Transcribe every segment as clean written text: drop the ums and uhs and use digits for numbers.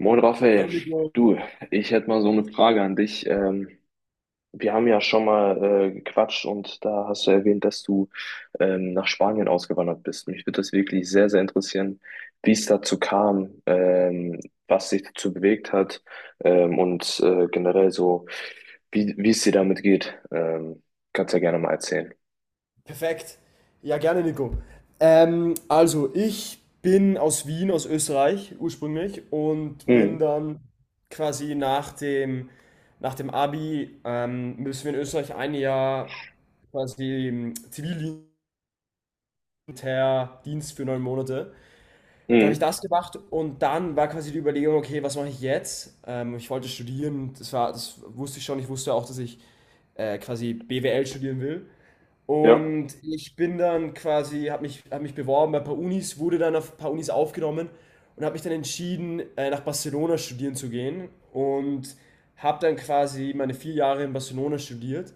Moin Raphael, Hallo Nico. du, ich hätte mal so eine Frage an dich. Wir haben ja schon mal gequatscht, und da hast du erwähnt, dass du nach Spanien ausgewandert bist. Mich würde das wirklich sehr, sehr interessieren, wie es dazu kam, was dich dazu bewegt hat und generell so, wie es dir damit geht. Kannst ja gerne mal erzählen. Perfekt. Ja, gerne Nico. Also, ich bin aus Wien, aus Österreich ursprünglich und bin Mhm. dann quasi nach dem Abi, müssen wir in Österreich ein Jahr quasi im Zivildienst für 9 Monate. Dann habe ich Mhm. das gemacht und dann war quasi die Überlegung, okay, was mache ich jetzt? Ich wollte studieren, das war, das wusste ich schon, ich wusste auch, dass ich quasi BWL studieren will. Ja, Und ich bin dann quasi, hab mich beworben bei ein paar Unis, wurde dann auf ein paar Unis aufgenommen und habe mich dann entschieden, nach Barcelona studieren zu gehen und habe dann quasi meine 4 Jahre in Barcelona studiert.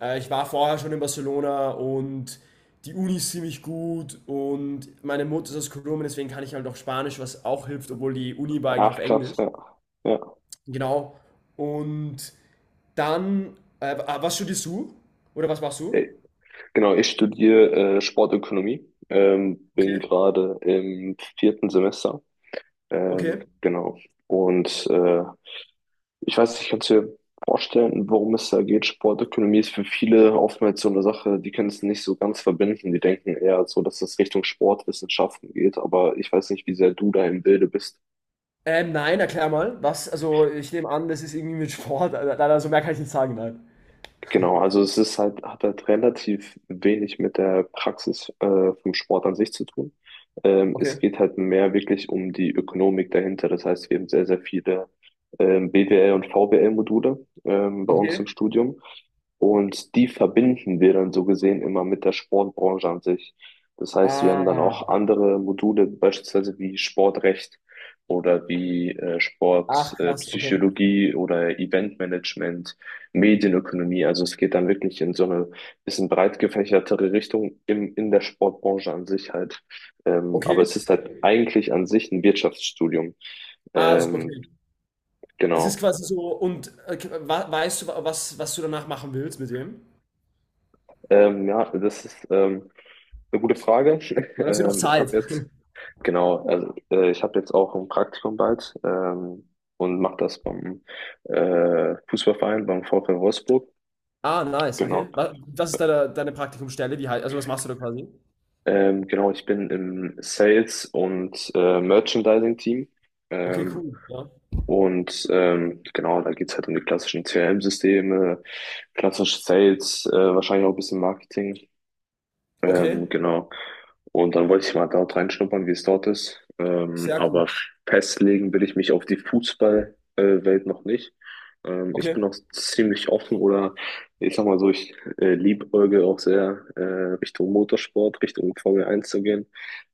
Ich war vorher schon in Barcelona und die Uni ist ziemlich gut und meine Mutter ist aus Kolumbien, deswegen kann ich halt auch Spanisch, was auch hilft, obwohl die Uni war eigentlich auf ach krass, Englisch. ja. Genau. Und dann, was studierst du? Oder was machst Ja. du? Genau, ich studiere Sportökonomie, bin Okay. gerade im 4. Semester. Okay. Genau. Und ich weiß nicht, kannst du dir vorstellen, worum es da geht? Sportökonomie ist für viele oftmals so eine Sache, die können es nicht so ganz verbinden. Die denken eher so, dass es Richtung Sportwissenschaften geht, aber ich weiß nicht, wie sehr du da im Bilde bist. Nein, erklär mal. Was? Also, ich nehme an, das ist irgendwie mit Sport. Also, leider so mehr kann ich nicht sagen, nein. Genau, also es ist halt, hat halt relativ wenig mit der Praxis vom Sport an sich zu tun. Es Okay. geht halt mehr wirklich um die Ökonomik dahinter. Das heißt, wir haben sehr, sehr viele BWL und VWL-Module bei uns im Okay. Studium. Und die verbinden wir dann so gesehen immer mit der Sportbranche an sich. Das heißt, wir haben dann Ah. auch andere Module, beispielsweise wie Sportrecht oder wie Ach, Sportpsychologie krass, okay. Psychologie oder Eventmanagement, Medienökonomie. Also es geht dann wirklich in so eine bisschen breit gefächertere Richtung in der Sportbranche an sich halt. Aber Okay. es ist halt eigentlich an sich ein Wirtschaftsstudium. Ah, Ähm, okay. Das ist genau. quasi so, und weißt du, was du danach machen willst mit dem? Ja, das ist eine gute Frage. Dann hast du noch Ähm, ich habe Zeit. jetzt, genau, also ich habe jetzt auch ein Praktikum bald, und mache das beim Fußballverein, beim VfL Wolfsburg. Ah, nice, okay. Genau. Was ist deine Praktikumsstelle? Also, was machst du da quasi? Genau, ich bin im Sales- und Merchandising-Team. Okay, Ähm, cool, ja. Genau, da geht's halt um die klassischen CRM-Systeme, klassisch Sales, wahrscheinlich auch ein bisschen Marketing. Okay, Genau. Und dann wollte ich mal dort reinschnuppern, wie es dort ist. Sehr cool. Aber festlegen will ich mich auf die Fußballwelt noch nicht. Ich bin Okay, auch ziemlich offen, oder ich sag mal so, ich liebäugle auch sehr Richtung Motorsport, Richtung Formel eins zu gehen,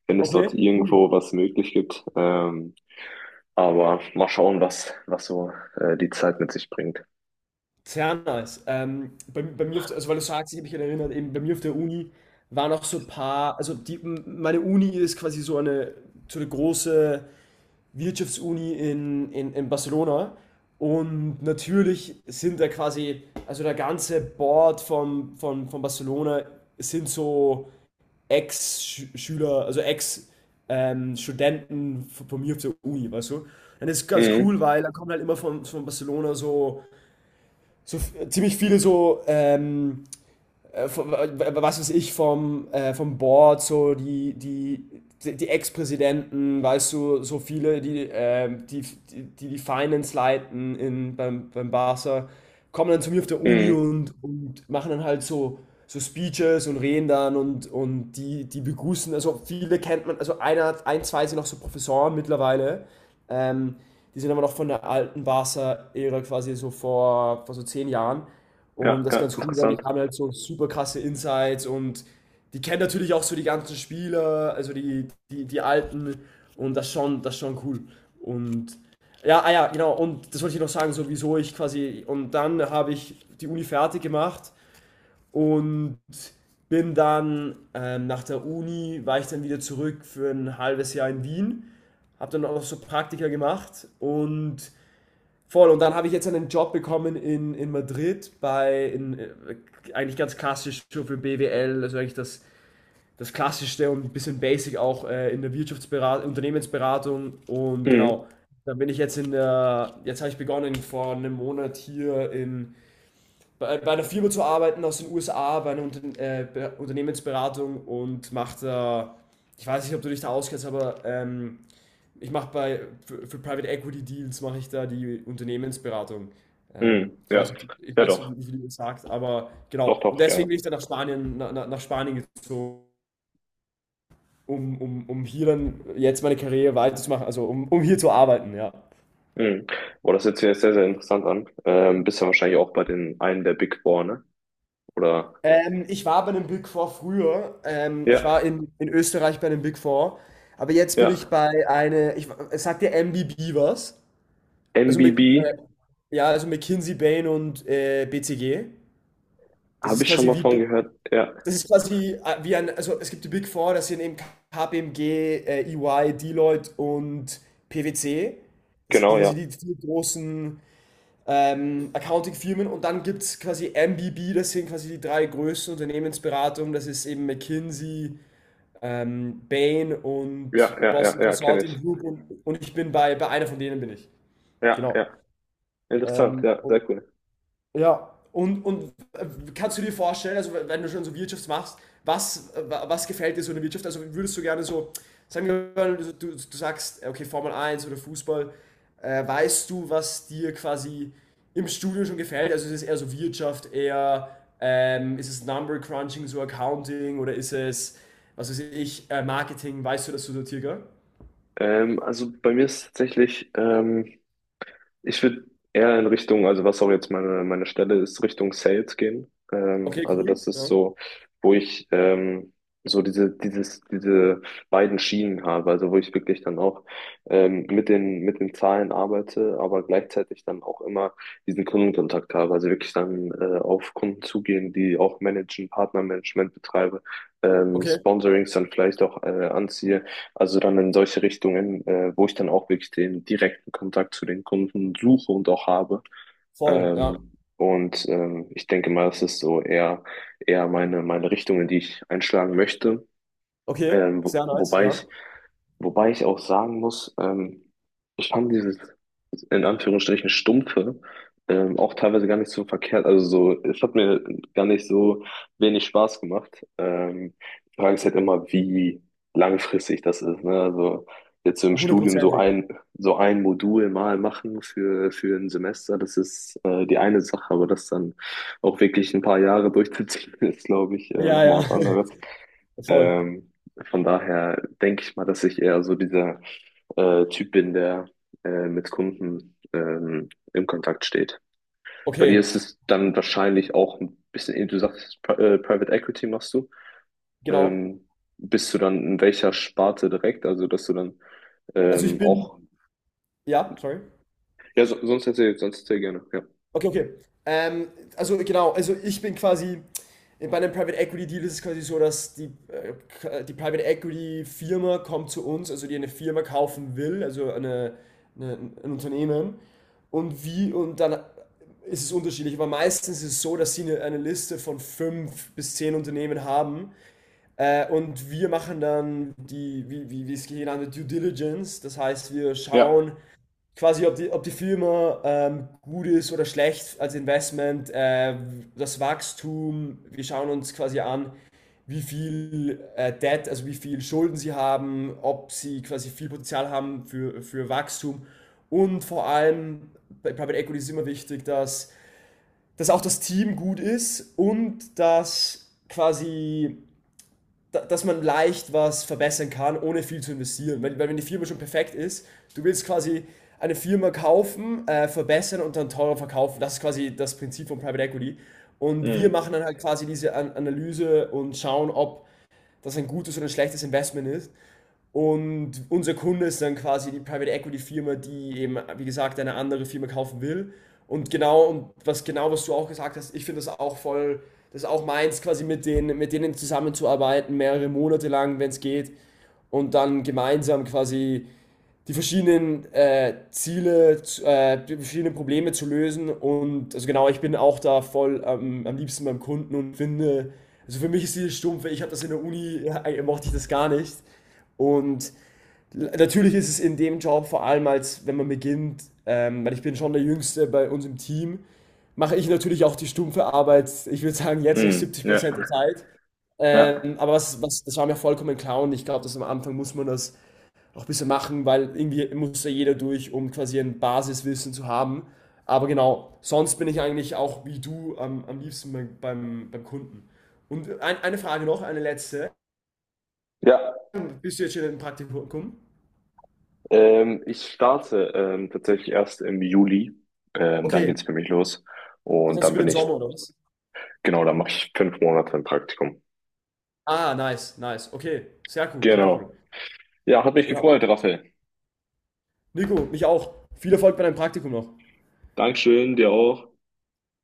wenn es dort okay, cool. irgendwo was möglich gibt. Aber mal schauen, was so die Zeit mit sich bringt. Sehr nice. Bei mir, also weil du sagst, ich habe mich erinnert, eben bei mir auf der Uni waren auch so ein paar, also die, meine Uni ist quasi so eine große Wirtschaftsuni in Barcelona und natürlich sind da quasi, also der ganze Board von Barcelona sind so Ex-Schüler, also Studenten von mir auf der Uni, weißt du? Und das ist ganz Mhm. cool, weil da kommen halt immer von Barcelona so ziemlich viele so was weiß ich, vom Board, so die Ex-Präsidenten, weißt du, so viele, die Finance leiten beim Barca, kommen dann zu mir auf der Uni Mhm. und machen dann halt so Speeches und reden dann und die begrüßen, also viele kennt man, also ein, zwei sind auch so Professoren mittlerweile, ähm, die sind aber noch von der alten Barca-Ära quasi so vor so 10 Jahren. Und Ja, das ist ja, ganz cool, weil die interessant. haben halt so super krasse Insights und die kennen natürlich auch so die ganzen Spieler, also die Alten und das ist schon cool. Und ja, ah ja, genau, und das wollte ich noch sagen, so wieso ich quasi, und dann habe ich die Uni fertig gemacht und bin dann nach der Uni, war ich dann wieder zurück für ein halbes Jahr in Wien, habe dann auch noch so Praktika gemacht und voll, und dann habe ich jetzt einen Job bekommen in Madrid eigentlich ganz klassisch so für BWL, also eigentlich das Klassischste und ein bisschen basic auch in der Wirtschaftsberatung, Unternehmensberatung und Mhm. genau, dann bin ich jetzt jetzt habe ich begonnen vor einem Monat hier bei einer Firma zu arbeiten aus den USA, bei einer Unternehmensberatung und mache da, ich weiß nicht, ob du dich da auskennst, aber ich mache für Private Equity Deals mache ich da die Unternehmensberatung. Ähm, Mhm. ich Ja, weiß, nicht- ich ja weiß doch. nicht, wie du das sagst, aber Doch, genau. Und doch, ja. deswegen bin ich dann nach Spanien gezogen, um hier dann jetzt meine Karriere weiterzumachen, also um hier zu arbeiten, ja. Mhm. Boah, das hört sich jetzt sehr, sehr interessant an. Bist ja wahrscheinlich auch bei den einen der Big Four, ne? Oder? Ich war bei einem Big Four früher. Ich war Ja, in Österreich bei einem Big Four. Aber jetzt bin ich ja. Es sagt dir MBB was? Also MBB ja, also McKinsey, Bain und BCG. Das habe ist ich schon quasi mal wie, von gehört. Ja, Das ist quasi wie ein, also es gibt die Big Four, das sind eben KPMG, EY, Deloitte und PwC. Das sind genau, quasi ja. die vier großen Accounting-Firmen. Und dann gibt es quasi MBB, das sind quasi die drei größten Unternehmensberatungen. Das ist eben McKinsey, Bain und Ja, ja, Boston ja, ja, kenne Consulting ich. Group. Und ich bin bei einer von denen bin ich. Ja, ja. Genau. Interessant, Ähm, ja, und, sehr cool. ja, kannst du dir vorstellen, also wenn du schon so Wirtschaft machst, was gefällt dir so in der Wirtschaft? Also würdest du gerne so, sagen wir mal, du sagst, okay, Formel 1 oder Fußball, weißt du, was dir quasi im Studium schon gefällt? Also ist es eher so Wirtschaft, eher ist es Number Crunching, so Accounting oder ist es, was weiß ich, Marketing? Weißt du das so sortiert? Gell? Also bei mir ist tatsächlich Ich würde eher in Richtung, also was auch jetzt meine Stelle ist, Richtung Sales gehen. Okay, Also cool. das ist Ja. so, wo ich diese beiden Schienen habe, also wo ich wirklich dann auch mit mit den Zahlen arbeite, aber gleichzeitig dann auch immer diesen Kundenkontakt habe. Also wirklich dann auf Kunden zugehen, die auch managen, Partnermanagement betreibe, Okay, Sponsorings dann vielleicht auch anziehe. Also dann in solche Richtungen, wo ich dann auch wirklich den direkten Kontakt zu den Kunden suche und auch habe. voll, ja. Ich denke mal, das ist so eher, eher meine Richtung, in die ich einschlagen möchte. Okay, Ähm, wo, sehr nice, wobei ja. ich wobei ich auch sagen muss, ich fand dieses in Anführungsstrichen stumpfe auch teilweise gar nicht so verkehrt. Also so, es hat mir gar nicht so wenig Spaß gemacht. Die Frage ist halt immer, wie langfristig das ist. Ne? Also jetzt so im Studium Hundertprozentig. So ein Modul mal machen für ein Semester, das ist die eine Sache, aber das dann auch wirklich ein paar Jahre durchzuziehen, ist, glaube ich, Ja, nochmal ja. was anderes. Voll. Ähm, von daher denke ich mal, dass ich eher so dieser Typ bin, der mit Kunden im Kontakt steht. Bei dir Okay, ist es dann wahrscheinlich auch ein bisschen, du sagst, Private Equity machst du. genau. Ähm, Bist du dann in welcher Sparte direkt? Also, dass du dann Also ich ähm, bin, auch, ja, sorry. ja, so, sonst erzähl gerne, ja. Okay, okay. Also genau, bei einem Private Equity Deal ist es quasi so, dass die Private Equity Firma kommt zu uns, also die eine Firma kaufen will, also eine, ein Unternehmen. Und dann ist es unterschiedlich, aber meistens ist es so, dass sie eine Liste von fünf bis zehn Unternehmen haben. Und wir machen dann wie es genannt wird, Due Diligence. Das heißt, wir Ja. schauen quasi, ob die Firma gut ist oder schlecht als Investment, das Wachstum. Wir schauen uns quasi an, wie viel Debt, also wie viel Schulden sie haben, ob sie quasi viel Potenzial haben für Wachstum. Und vor allem bei Private Equity ist immer wichtig, dass auch das Team gut ist und dass man leicht was verbessern kann, ohne viel zu investieren. Weil wenn die Firma schon perfekt ist, du willst quasi eine Firma kaufen, verbessern und dann teurer verkaufen. Das ist quasi das Prinzip von Private Equity. Und wir Mhm. machen dann halt quasi diese An Analyse und schauen, ob das ein gutes oder ein schlechtes Investment ist. Und unser Kunde ist dann quasi die Private Equity Firma, die eben, wie gesagt, eine andere Firma kaufen will. Und genau, und was genau, was du auch gesagt hast, ich finde das auch voll, das ist auch meins, quasi mit denen zusammenzuarbeiten, mehrere Monate lang, wenn es geht. Und dann gemeinsam quasi die verschiedenen Probleme zu lösen. Und also genau, ich bin auch da voll am liebsten beim Kunden und finde, also für mich ist dieses Stumpfe, ich habe das in der Uni, ja, mochte ich das gar nicht. Und natürlich ist es in dem Job, vor allem als wenn man beginnt, weil ich bin schon der Jüngste bei uns im Team, mache ich natürlich auch die stumpfe Arbeit, ich würde sagen, jetzt noch Mhm. Ja. 70% der Zeit. Ja, Aber das war mir vollkommen klar und ich glaube, dass am Anfang muss man das auch ein bisschen machen, weil irgendwie muss ja jeder durch, um quasi ein Basiswissen zu haben. Aber genau, sonst bin ich eigentlich auch wie du am liebsten beim Kunden. Und eine Frage noch, eine letzte. ja, Bist du jetzt schon im Praktikum? Ich starte tatsächlich erst im Juli. Dann Okay, geht's für mich los. das Und heißt dann über bin den ich Sommer, oder was? Genau, da mache ich 5 Monate ein Praktikum. Ah, nice, nice. Okay, sehr cool, sehr cool. Genau. Ja, hat mich Ja. gefreut, Raphael. Nico, mich auch. Viel Erfolg bei deinem Praktikum noch. Dankeschön, dir auch.